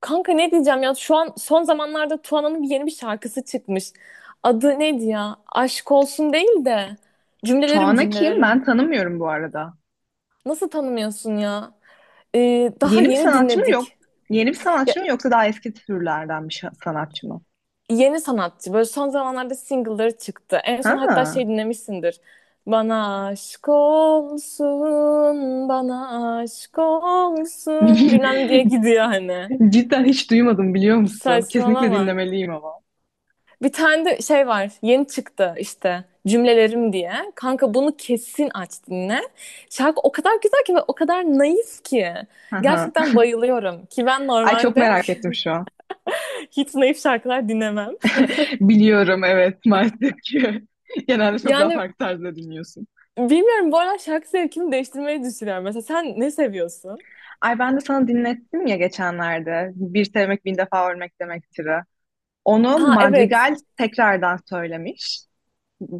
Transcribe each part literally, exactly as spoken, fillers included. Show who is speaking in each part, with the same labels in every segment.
Speaker 1: Kanka, ne diyeceğim ya? Şu an son zamanlarda Tuana'nın bir yeni bir şarkısı çıkmış. Adı neydi ya? Aşk olsun değil de cümlelerim,
Speaker 2: Tuana kim?
Speaker 1: cümlelerim.
Speaker 2: Ben tanımıyorum bu arada.
Speaker 1: Nasıl tanımıyorsun ya? Ee, daha
Speaker 2: Yeni bir
Speaker 1: yeni
Speaker 2: sanatçı mı yok?
Speaker 1: dinledik.
Speaker 2: Yeni bir
Speaker 1: Ya,
Speaker 2: sanatçı mı yoksa daha eski türlerden bir şa- sanatçı mı?
Speaker 1: yeni sanatçı, böyle son zamanlarda single'ları çıktı. En son hatta
Speaker 2: Ha.
Speaker 1: şey dinlemişsindir. Bana aşk olsun, bana aşk olsun bilmem diye gidiyor hani.
Speaker 2: Cidden hiç duymadım biliyor musun? Kesinlikle
Speaker 1: Saçmalama.
Speaker 2: dinlemeliyim ama.
Speaker 1: Bir tane de şey var. Yeni çıktı işte, cümlelerim diye. Kanka, bunu kesin aç dinle. Şarkı o kadar güzel ki ve o kadar naif ki.
Speaker 2: Aha.
Speaker 1: Gerçekten bayılıyorum. Ki ben
Speaker 2: Ay çok
Speaker 1: normalde
Speaker 2: merak ettim şu an.
Speaker 1: hiç naif şarkılar dinlemem.
Speaker 2: Biliyorum, evet, maalesef ki. Genelde çok daha
Speaker 1: Yani
Speaker 2: farklı tarzda dinliyorsun.
Speaker 1: bilmiyorum, bu arada şarkı zevkimi değiştirmeyi düşünüyorum. Mesela sen ne seviyorsun?
Speaker 2: Ay ben de sana dinlettim ya geçenlerde. Bir sevmek bin defa ölmek demektir'i. Onu
Speaker 1: Ha, evet.
Speaker 2: Madrigal tekrardan söylemiş.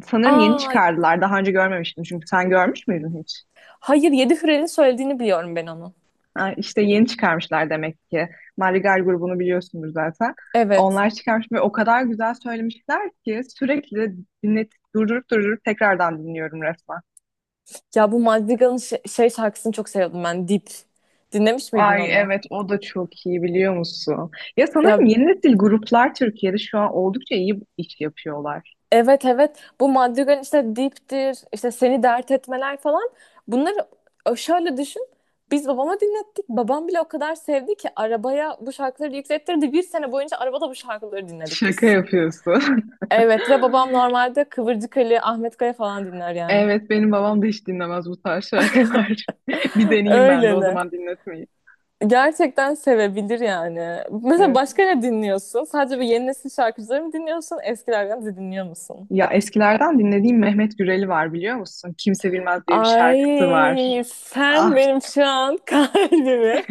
Speaker 2: Sanırım yeni
Speaker 1: Ay,
Speaker 2: çıkardılar. Daha önce görmemiştim, çünkü sen görmüş müydün hiç?
Speaker 1: hayır, Yedi Hürel'in söylediğini biliyorum ben onu.
Speaker 2: Ha, işte yeni çıkarmışlar demek ki. Madrigal grubunu biliyorsunuz zaten.
Speaker 1: Evet.
Speaker 2: Onlar çıkarmış ve o kadar güzel söylemişler ki sürekli dinlet, durdurup durdurup tekrardan dinliyorum resmen.
Speaker 1: Ya, bu Madrigal'ın ş- şey şarkısını çok seviyordum ben. Dip. Dinlemiş miydin
Speaker 2: Ay
Speaker 1: onu?
Speaker 2: evet, o da çok iyi, biliyor musun? Ya sanırım
Speaker 1: Ya,
Speaker 2: yeni nesil gruplar Türkiye'de şu an oldukça iyi iş yapıyorlar.
Speaker 1: evet evet, bu Madrigal'in işte diptir, işte seni dert etmeler falan, bunları e, şöyle düşün, biz babama dinlettik, babam bile o kadar sevdi ki arabaya bu şarkıları yüklettirdi, bir sene boyunca arabada bu şarkıları dinledik
Speaker 2: Şaka
Speaker 1: biz.
Speaker 2: yapıyorsun.
Speaker 1: Evet ve babam normalde Kıvırcık Ali, Ahmet Kaya falan dinler yani.
Speaker 2: Evet, benim babam da hiç dinlemez bu tarz şarkılar. Bir deneyeyim ben de o
Speaker 1: Öyleli.
Speaker 2: zaman dinletmeyi.
Speaker 1: Gerçekten sevebilir yani. Mesela
Speaker 2: Evet.
Speaker 1: başka ne dinliyorsun? Sadece bu yeni nesil şarkıcıları mı dinliyorsun? Eskilerden de dinliyor musun?
Speaker 2: Ya eskilerden dinlediğim Mehmet Güreli var, biliyor musun? Kimse Bilmez diye bir şarkısı
Speaker 1: Ay,
Speaker 2: var.
Speaker 1: sen
Speaker 2: Ah,
Speaker 1: benim şu an kalbimi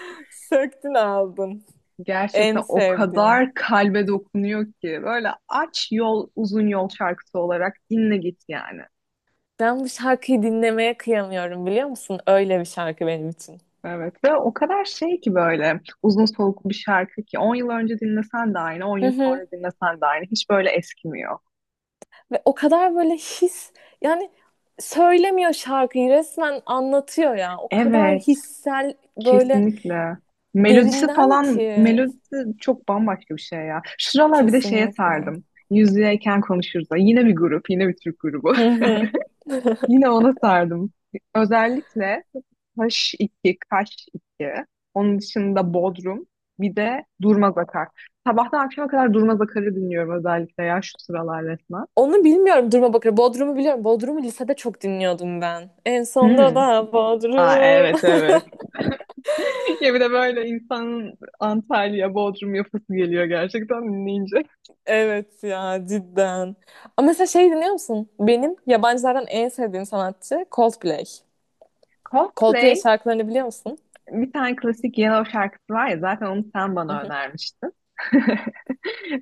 Speaker 1: söktün aldın. En
Speaker 2: gerçekten o
Speaker 1: sevdiğim.
Speaker 2: kadar kalbe dokunuyor ki. Böyle aç, yol, uzun yol şarkısı olarak dinle git yani.
Speaker 1: Ben bu şarkıyı dinlemeye kıyamıyorum, biliyor musun? Öyle bir şarkı benim için.
Speaker 2: Evet ve o kadar şey ki, böyle uzun soluklu bir şarkı ki on yıl önce dinlesen de aynı, on
Speaker 1: Hı
Speaker 2: yıl
Speaker 1: hı.
Speaker 2: sonra dinlesen de aynı, hiç böyle eskimiyor.
Speaker 1: Ve o kadar böyle his, yani söylemiyor, şarkıyı resmen anlatıyor ya. O kadar
Speaker 2: Evet.
Speaker 1: hissel, böyle
Speaker 2: Kesinlikle. Melodisi
Speaker 1: derinden
Speaker 2: falan,
Speaker 1: ki,
Speaker 2: melodisi çok bambaşka bir şey ya. Şu sıralar bir de şeye
Speaker 1: kesinlikle.
Speaker 2: sardım. Yüzlüyken konuşuruz. Yine bir grup, yine bir Türk grubu.
Speaker 1: Hı hı.
Speaker 2: Yine ona sardım. Özellikle kaş iki, kaş iki. Onun dışında Bodrum. Bir de Durmaz Akar. Sabahtan akşama kadar Durmaz Akar'ı dinliyorum özellikle ya, şu sıralar resmen.
Speaker 1: Onu bilmiyorum, duruma bakıyorum. Bodrum'u biliyorum. Bodrum'u lisede çok dinliyordum ben. En sonda
Speaker 2: Hmm.
Speaker 1: da
Speaker 2: Aa,
Speaker 1: Bodrum.
Speaker 2: evet evet. Ya bir de böyle insanın Antalya, Bodrum yapısı geliyor gerçekten dinleyince.
Speaker 1: Evet ya, cidden. Ama mesela şey dinliyor musun? Benim yabancılardan en sevdiğim sanatçı Coldplay. Coldplay
Speaker 2: Coldplay.
Speaker 1: şarkılarını biliyor musun?
Speaker 2: Bir tane klasik Yellow şarkısı var ya, zaten onu sen
Speaker 1: Hı
Speaker 2: bana
Speaker 1: hı.
Speaker 2: önermiştin.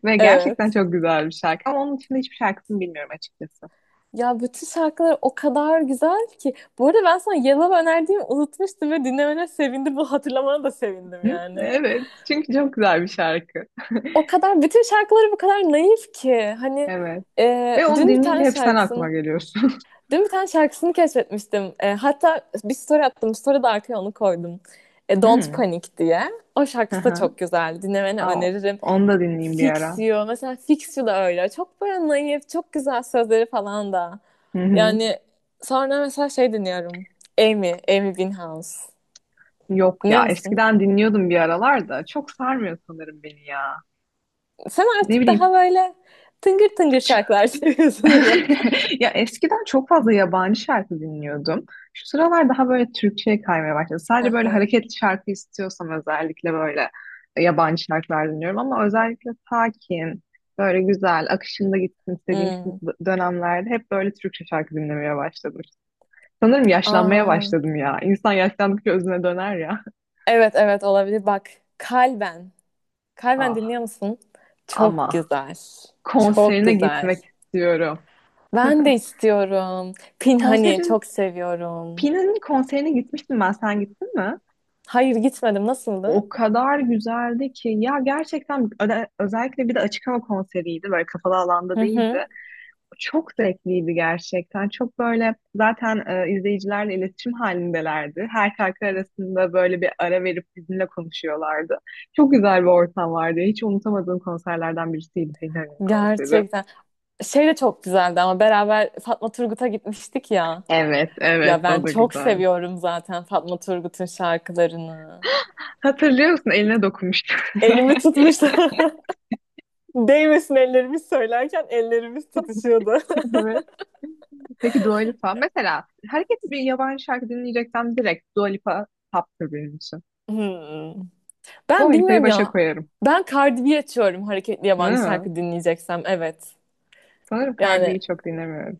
Speaker 2: Ve gerçekten
Speaker 1: Evet.
Speaker 2: çok güzel bir şarkı. Ama onun dışında hiçbir şarkısını bilmiyorum açıkçası.
Speaker 1: Ya, bütün şarkılar o kadar güzel ki. Bu arada, ben sana Yellow önerdiğimi unutmuştum ve dinlemene sevindim. Bu hatırlamana da sevindim
Speaker 2: Hı?
Speaker 1: yani.
Speaker 2: Evet. Çünkü çok güzel bir şarkı.
Speaker 1: O kadar bütün şarkıları bu kadar naif ki. Hani
Speaker 2: Evet.
Speaker 1: e,
Speaker 2: Ve onu
Speaker 1: dün bir
Speaker 2: dinleyince
Speaker 1: tane
Speaker 2: hep sen aklıma
Speaker 1: şarkısını
Speaker 2: geliyorsun.
Speaker 1: dün bir tane şarkısını keşfetmiştim. E, hatta bir story attım. Story'de arkaya onu koydum. E, Don't
Speaker 2: Hmm.
Speaker 1: Panic diye. O
Speaker 2: Hı
Speaker 1: şarkısı da
Speaker 2: hı.
Speaker 1: çok güzel. Dinlemeni
Speaker 2: Aa,
Speaker 1: öneririm.
Speaker 2: onu da dinleyeyim bir
Speaker 1: Fix
Speaker 2: ara.
Speaker 1: You. Mesela Fix You da öyle. Çok böyle naif, çok güzel sözleri falan da.
Speaker 2: Hı hı.
Speaker 1: Yani sonra mesela şey dinliyorum. Amy, Amy Winehouse.
Speaker 2: Yok
Speaker 1: Dinliyor
Speaker 2: ya.
Speaker 1: musun?
Speaker 2: Eskiden dinliyordum bir aralar da. Çok sarmıyor sanırım beni ya.
Speaker 1: Sen
Speaker 2: Ne
Speaker 1: artık daha
Speaker 2: bileyim.
Speaker 1: böyle tıngır tıngır şarkılar seviyorsun herhalde.
Speaker 2: Ya eskiden çok fazla yabancı şarkı dinliyordum. Şu sıralar daha böyle Türkçe'ye kaymaya başladı.
Speaker 1: Hı
Speaker 2: Sadece böyle
Speaker 1: hı.
Speaker 2: hareketli şarkı istiyorsam özellikle böyle yabancı şarkılar dinliyorum, ama özellikle sakin, böyle güzel, akışında gitsin istediğim
Speaker 1: Hmm.
Speaker 2: dönemlerde hep böyle Türkçe şarkı dinlemeye başladım. Sanırım yaşlanmaya
Speaker 1: Aa,
Speaker 2: başladım ya. İnsan yaşlandıkça özüne döner ya.
Speaker 1: evet evet, olabilir. Bak, Kalben. Kalben
Speaker 2: Ah,
Speaker 1: dinliyor musun? Çok
Speaker 2: ama
Speaker 1: güzel. Çok
Speaker 2: konserine
Speaker 1: güzel.
Speaker 2: gitmek istiyorum.
Speaker 1: Ben de istiyorum. Pinhani
Speaker 2: Konserin,
Speaker 1: çok seviyorum.
Speaker 2: Pin'in konserine gitmiştim ben. Sen gittin mi?
Speaker 1: Hayır, gitmedim. Nasıldı?
Speaker 2: O kadar güzeldi ki ya, gerçekten öde- özellikle bir de açık hava konseriydi, böyle kapalı alanda
Speaker 1: Hı hı.
Speaker 2: değildi. Çok zevkliydi gerçekten. Çok böyle zaten e, izleyicilerle iletişim halindelerdi. Her şarkı arasında böyle bir ara verip bizimle konuşuyorlardı. Çok güzel bir ortam vardı. Hiç unutamadığım konserlerden birisiydi Fener'in konseri.
Speaker 1: Gerçekten. Şey de çok güzeldi ama beraber Fatma Turgut'a gitmiştik ya.
Speaker 2: Evet, evet,
Speaker 1: Ya, ben
Speaker 2: o da
Speaker 1: çok
Speaker 2: güzel.
Speaker 1: seviyorum zaten Fatma Turgut'un şarkılarını.
Speaker 2: Hatırlıyor musun? Eline dokunmuştu.
Speaker 1: Elimi tutmuştu. Değmesin ellerimiz söylerken ellerimiz tutuşuyordu.
Speaker 2: Evet. Peki Dua Lipa. Mesela hareketli bir yabancı şarkı dinleyeceksem direkt Dua Lipa taptır benim için.
Speaker 1: Hmm.
Speaker 2: Dua
Speaker 1: Ben
Speaker 2: Lipa'yı
Speaker 1: bilmiyorum
Speaker 2: başa
Speaker 1: ya.
Speaker 2: koyarım.
Speaker 1: Ben Cardi B açıyorum hareketli yabancı
Speaker 2: Hı.
Speaker 1: şarkı dinleyeceksem. Evet.
Speaker 2: Sanırım Cardi
Speaker 1: Yani
Speaker 2: B'yi çok dinlemiyorum.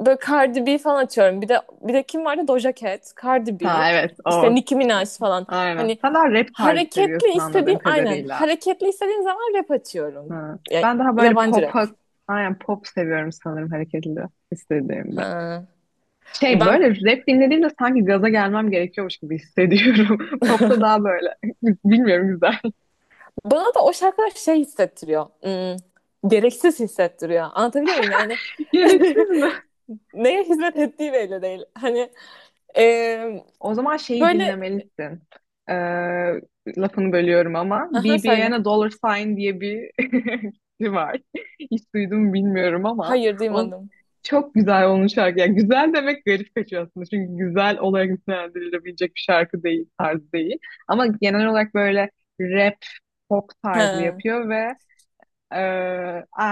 Speaker 1: böyle Cardi B falan açıyorum. Bir de bir de kim vardı? Doja Cat, Cardi B,
Speaker 2: Ha evet,
Speaker 1: işte
Speaker 2: o.
Speaker 1: Nicki Minaj falan.
Speaker 2: Aynen.
Speaker 1: Hani
Speaker 2: Sen daha rap tarzı
Speaker 1: hareketli
Speaker 2: seviyorsun anladığım
Speaker 1: istediğim aynen.
Speaker 2: kadarıyla.
Speaker 1: Hareketli istediğim zaman rap açıyorum.
Speaker 2: Hı.
Speaker 1: Ya,
Speaker 2: Ben daha böyle
Speaker 1: yabancı rap.
Speaker 2: pop'a, aynen pop seviyorum sanırım hareketli istediğimde.
Speaker 1: Ha.
Speaker 2: Şey,
Speaker 1: Ben
Speaker 2: böyle rap dinlediğimde sanki gaza gelmem gerekiyormuş gibi hissediyorum. Pop'ta daha böyle, bilmiyorum, güzel.
Speaker 1: bana da o şarkılar şey hissettiriyor. Hmm, gereksiz hissettiriyor. Anlatabiliyor muyum? Yani
Speaker 2: Gereksiz mi?
Speaker 1: neye hizmet ettiği belli değil. Hani eee,
Speaker 2: O zaman şeyi
Speaker 1: böyle
Speaker 2: dinlemelisin. Ee, Lafını bölüyorum ama.
Speaker 1: aha, söyle.
Speaker 2: B B N Dollar Sign diye bir kişi var. Hiç duydum mu bilmiyorum ama.
Speaker 1: Hayır,
Speaker 2: O
Speaker 1: duymadım.
Speaker 2: çok güzel onun şarkı. Yani güzel demek garip kaçıyor aslında. Çünkü güzel olarak nitelendirilebilecek bir şarkı değil, tarz değil. Ama genel olarak böyle rap, pop tarzı
Speaker 1: Ha,
Speaker 2: yapıyor ve e,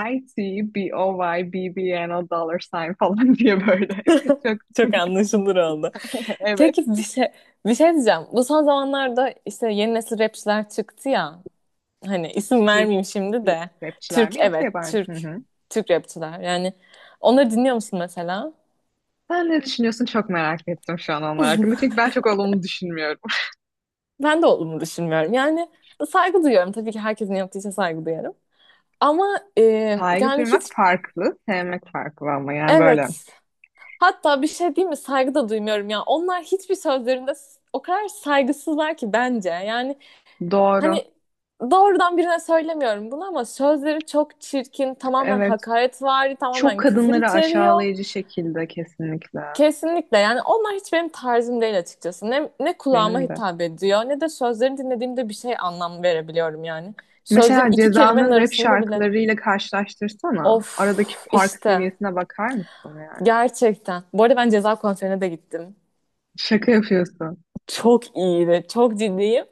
Speaker 2: I-T-B-O-Y, B O Y B B N o dollar sign falan diye böyle. Çok
Speaker 1: çok anlaşılır oldu.
Speaker 2: evet.
Speaker 1: Peki, bir şey bir şey diyeceğim. Bu son zamanlarda işte yeni nesil rapçiler çıktı ya. Hani isim
Speaker 2: Türk
Speaker 1: vermeyeyim şimdi de.
Speaker 2: rapçiler
Speaker 1: Türk,
Speaker 2: mi yoksa
Speaker 1: evet,
Speaker 2: yabancı? Hı
Speaker 1: Türk.
Speaker 2: hı.
Speaker 1: Türk rapçiler. Yani onları dinliyor musun mesela?
Speaker 2: Sen ne düşünüyorsun? Çok merak ettim şu an onlar hakkında. Çünkü ben çok olumlu düşünmüyorum.
Speaker 1: Ben de olduğumu düşünmüyorum. Yani saygı duyuyorum. Tabii ki herkesin yaptığı için saygı duyuyorum. Ama e,
Speaker 2: Saygı
Speaker 1: yani hiç,
Speaker 2: duymak farklı, sevmek farklı, ama yani böyle.
Speaker 1: evet, hatta bir şey değil mi? Saygı da duymuyorum ya. Onlar hiçbir sözlerinde s- o kadar saygısızlar ki, bence. Yani.
Speaker 2: Doğru.
Speaker 1: Hani doğrudan birine söylemiyorum bunu ama sözleri çok çirkin, tamamen
Speaker 2: Evet.
Speaker 1: hakaretvari,
Speaker 2: Çok
Speaker 1: tamamen küfür
Speaker 2: kadınları
Speaker 1: içeriyor.
Speaker 2: aşağılayıcı şekilde, kesinlikle.
Speaker 1: Kesinlikle, yani onlar hiç benim tarzım değil açıkçası. Ne, ne kulağıma
Speaker 2: Benim de.
Speaker 1: hitap ediyor ne de sözlerini dinlediğimde bir şey anlam verebiliyorum yani. Sözlerin
Speaker 2: Mesela
Speaker 1: iki kelimenin
Speaker 2: Ceza'nın rap
Speaker 1: arasında bile.
Speaker 2: şarkılarıyla karşılaştırsana. Aradaki
Speaker 1: Of,
Speaker 2: fark
Speaker 1: işte
Speaker 2: seviyesine bakar mısın yani?
Speaker 1: gerçekten. Bu arada ben Ceza konserine de gittim.
Speaker 2: Şaka yapıyorsun.
Speaker 1: Çok iyiydi, çok ciddiyim.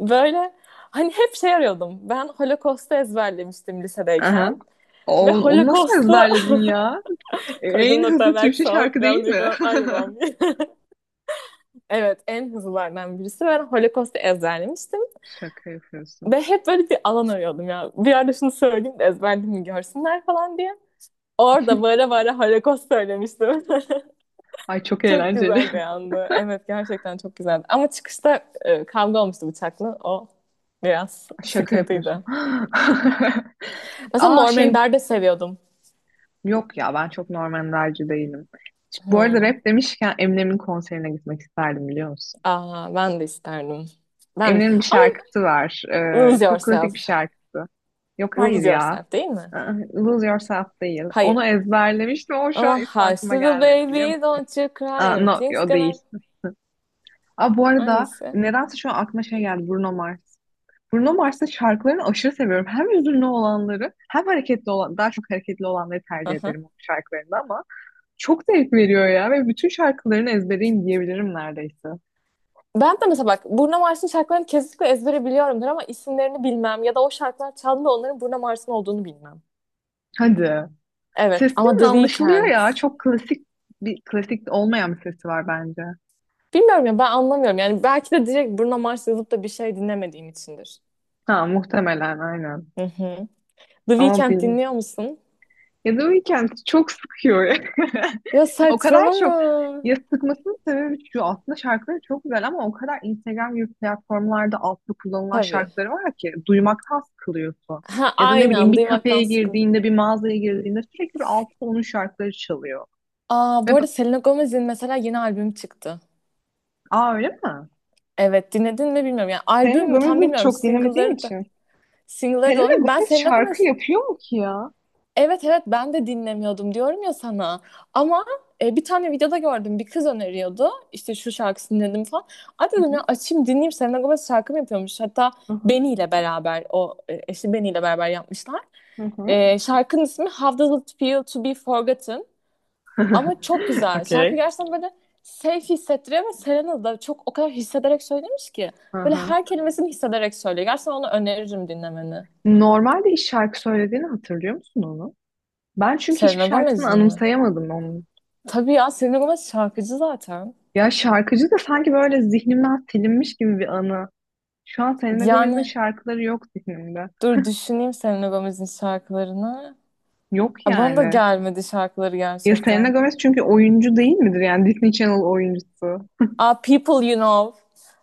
Speaker 1: Böyle hani hep şey arıyordum. Ben Holocaust'u ezberlemiştim
Speaker 2: Aha.
Speaker 1: lisedeyken.
Speaker 2: O,
Speaker 1: Ve
Speaker 2: onu nasıl
Speaker 1: Holocaust'u
Speaker 2: ezberledin ya?
Speaker 1: koyduğum
Speaker 2: En
Speaker 1: nokta
Speaker 2: hızlı
Speaker 1: belki
Speaker 2: Türkçe
Speaker 1: son.
Speaker 2: şarkı değil
Speaker 1: Ben de
Speaker 2: mi?
Speaker 1: bilmem aynı babam diye. Evet, en hızlılardan birisi. Ben Holocaust'u ezberlemiştim.
Speaker 2: Şaka yapıyorsun.
Speaker 1: Ve hep böyle bir alan arıyordum ya. Bir yerde şunu söyleyeyim de ezberlediğimi görsünler falan diye. Orada bağıra bağıra Holocaust söylemiştim.
Speaker 2: Ay çok
Speaker 1: çok
Speaker 2: eğlenceli.
Speaker 1: güzel bir andı. Evet, gerçekten çok güzeldi. Ama çıkışta e, kavga olmuştu bıçakla. O biraz
Speaker 2: Şaka yapıyorsun.
Speaker 1: sıkıntıydı. Mesela
Speaker 2: Aa
Speaker 1: Norman
Speaker 2: şey,
Speaker 1: de seviyordum.
Speaker 2: yok ya, ben çok Norman Ender'ci değilim. Bu arada
Speaker 1: Hmm.
Speaker 2: rap demişken Eminem'in konserine gitmek isterdim, biliyor musun?
Speaker 1: Aa, ben de isterdim. Ben de-
Speaker 2: Eminem'in bir
Speaker 1: ama
Speaker 2: şarkısı var. Ee,
Speaker 1: Lose
Speaker 2: çok klasik
Speaker 1: Yourself.
Speaker 2: bir şarkısı. Yok, hayır
Speaker 1: Lose
Speaker 2: ya.
Speaker 1: Yourself değil mi?
Speaker 2: Aa, Lose Yourself değil.
Speaker 1: Hayır.
Speaker 2: Onu ezberlemiştim ama şu an
Speaker 1: Ama
Speaker 2: ismi
Speaker 1: Hush
Speaker 2: aklıma
Speaker 1: Little
Speaker 2: gelmedi, biliyor
Speaker 1: Baby
Speaker 2: musun?
Speaker 1: Don't You Cry
Speaker 2: Aa, no,
Speaker 1: Everything's
Speaker 2: o
Speaker 1: Gonna...
Speaker 2: değil. Aa, bu arada
Speaker 1: Hangisi?
Speaker 2: nedense şu an aklıma şey geldi, Bruno Mars. Bruno Mars'ın şarkılarını aşırı seviyorum. Hem hüzünlü olanları hem hareketli olan, daha çok hareketli olanları tercih
Speaker 1: Aha.
Speaker 2: ederim onun şarkılarında, ama çok zevk veriyor ya, ve bütün şarkılarını ezbereyim diyebilirim neredeyse.
Speaker 1: Ben de mesela bak, Burna Mars'ın şarkılarını kesinlikle ezbere biliyorumdur ama isimlerini bilmem ya da o şarkılar çaldığında onların Burna Mars'ın olduğunu bilmem.
Speaker 2: Hadi.
Speaker 1: Evet, ama
Speaker 2: Sesinin
Speaker 1: The
Speaker 2: anlaşılıyor
Speaker 1: Weeknd.
Speaker 2: ya. Çok klasik bir, klasik olmayan bir sesi var bence.
Speaker 1: Bilmiyorum ya, ben anlamıyorum. Yani belki de direkt Bruno Mars yazıp da bir şey dinlemediğim içindir.
Speaker 2: Ha, muhtemelen aynen.
Speaker 1: Hı hı. The
Speaker 2: Ama
Speaker 1: Weeknd
Speaker 2: bin...
Speaker 1: dinliyor musun?
Speaker 2: Ya da Weeknd çok sıkıyor ya.
Speaker 1: Ya,
Speaker 2: O kadar çok,
Speaker 1: saçmalama.
Speaker 2: ya sıkmasının sebebi şu, aslında şarkıları çok güzel ama o kadar Instagram gibi platformlarda altta kullanılan
Speaker 1: Tabii.
Speaker 2: şarkıları var ki duymaktan sıkılıyorsun.
Speaker 1: Ha,
Speaker 2: Ya da ne bileyim,
Speaker 1: aynen,
Speaker 2: bir kafeye
Speaker 1: duymaktan sıkıl.
Speaker 2: girdiğinde, bir mağazaya girdiğinde sürekli bir altta onun şarkıları çalıyor.
Speaker 1: Aa, bu
Speaker 2: Ve b-
Speaker 1: arada Selena Gomez'in mesela yeni albüm çıktı.
Speaker 2: Aa, öyle mi?
Speaker 1: Evet, dinledin mi bilmiyorum. Yani
Speaker 2: Selena
Speaker 1: albüm mü, tam
Speaker 2: Gomez'i
Speaker 1: bilmiyorum.
Speaker 2: çok dinlemediğim
Speaker 1: Single'ları da.
Speaker 2: için.
Speaker 1: Single'ları da
Speaker 2: Selena
Speaker 1: olabilir. Ben
Speaker 2: Gomez
Speaker 1: Selena
Speaker 2: şarkı
Speaker 1: Gomez.
Speaker 2: yapıyor mu ki ya?
Speaker 1: Evet evet, ben de dinlemiyordum diyorum ya sana. Ama e, bir tane videoda gördüm. Bir kız öneriyordu. İşte şu şarkısını dinledim falan. Ay,
Speaker 2: Hı
Speaker 1: dedim ya,
Speaker 2: hı,
Speaker 1: açayım dinleyeyim, Selena Gomez şarkı mı yapıyormuş. Hatta
Speaker 2: hı hı,
Speaker 1: Benny ile beraber o e, eşi Benny ile beraber yapmışlar.
Speaker 2: hı hı.
Speaker 1: E, şarkının ismi How Does It Feel to Be Forgotten. Ama çok güzel. Şarkı
Speaker 2: Okay.
Speaker 1: gerçekten böyle safe hissettiriyor ve Selena da çok o kadar hissederek söylemiş ki.
Speaker 2: Hı
Speaker 1: Böyle
Speaker 2: hı.
Speaker 1: her kelimesini hissederek söylüyor. Gerçekten onu öneririm dinlemeni.
Speaker 2: Normalde hiç şarkı söylediğini hatırlıyor musun onu? Ben çünkü hiçbir
Speaker 1: Selena
Speaker 2: şarkısını
Speaker 1: Gomez'in mi?
Speaker 2: anımsayamadım onun.
Speaker 1: Tabii ya, Selena Gomez şarkıcı zaten.
Speaker 2: Ya şarkıcı da sanki böyle zihnimden silinmiş gibi bir anı. Şu an Selena Gomez'in
Speaker 1: Yani
Speaker 2: şarkıları yok zihnimde.
Speaker 1: dur, düşüneyim Selena Gomez'in şarkılarını.
Speaker 2: Yok
Speaker 1: Aa, bana da
Speaker 2: yani.
Speaker 1: gelmedi şarkıları
Speaker 2: Ya Selena
Speaker 1: gerçekten.
Speaker 2: Gomez çünkü oyuncu değil midir? Yani Disney Channel oyuncusu.
Speaker 1: Aa, People You Know.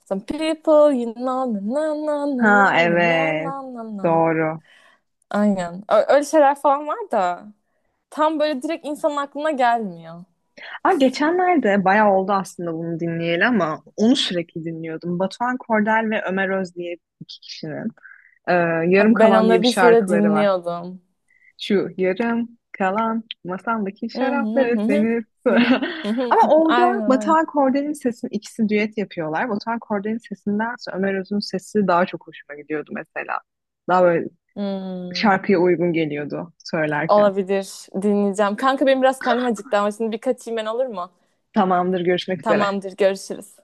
Speaker 1: Some people you know, na na na na na
Speaker 2: Ha
Speaker 1: na na
Speaker 2: evet.
Speaker 1: na na.
Speaker 2: Doğru.
Speaker 1: Aynen. Ö- Öyle şeyler falan var da tam böyle direkt insanın aklına gelmiyor.
Speaker 2: Aa, geçenlerde bayağı oldu aslında bunu dinleyeli, ama onu sürekli dinliyordum. Batuhan Kordel ve Ömer Öz diye iki kişinin. e, Yarım
Speaker 1: Abi, ben
Speaker 2: Kalan diye
Speaker 1: onları
Speaker 2: bir
Speaker 1: lisede
Speaker 2: şarkıları var.
Speaker 1: dinliyordum.
Speaker 2: Şu yarım kalan masamdaki şarapları senin sıra- Ama orada
Speaker 1: Aynen,
Speaker 2: Batuhan
Speaker 1: aynen.
Speaker 2: Korde'nin sesini ikisi düet yapıyorlar. Batuhan Korde'nin sesindense Ömer Öz'ün sesi daha çok hoşuma gidiyordu mesela. Daha böyle
Speaker 1: Hmm,
Speaker 2: şarkıya uygun geliyordu söylerken.
Speaker 1: olabilir. Dinleyeceğim. Kanka, benim biraz karnım acıktı ama şimdi bir kaçayım ben, olur mu?
Speaker 2: Tamamdır, görüşmek üzere.
Speaker 1: Tamamdır, görüşürüz.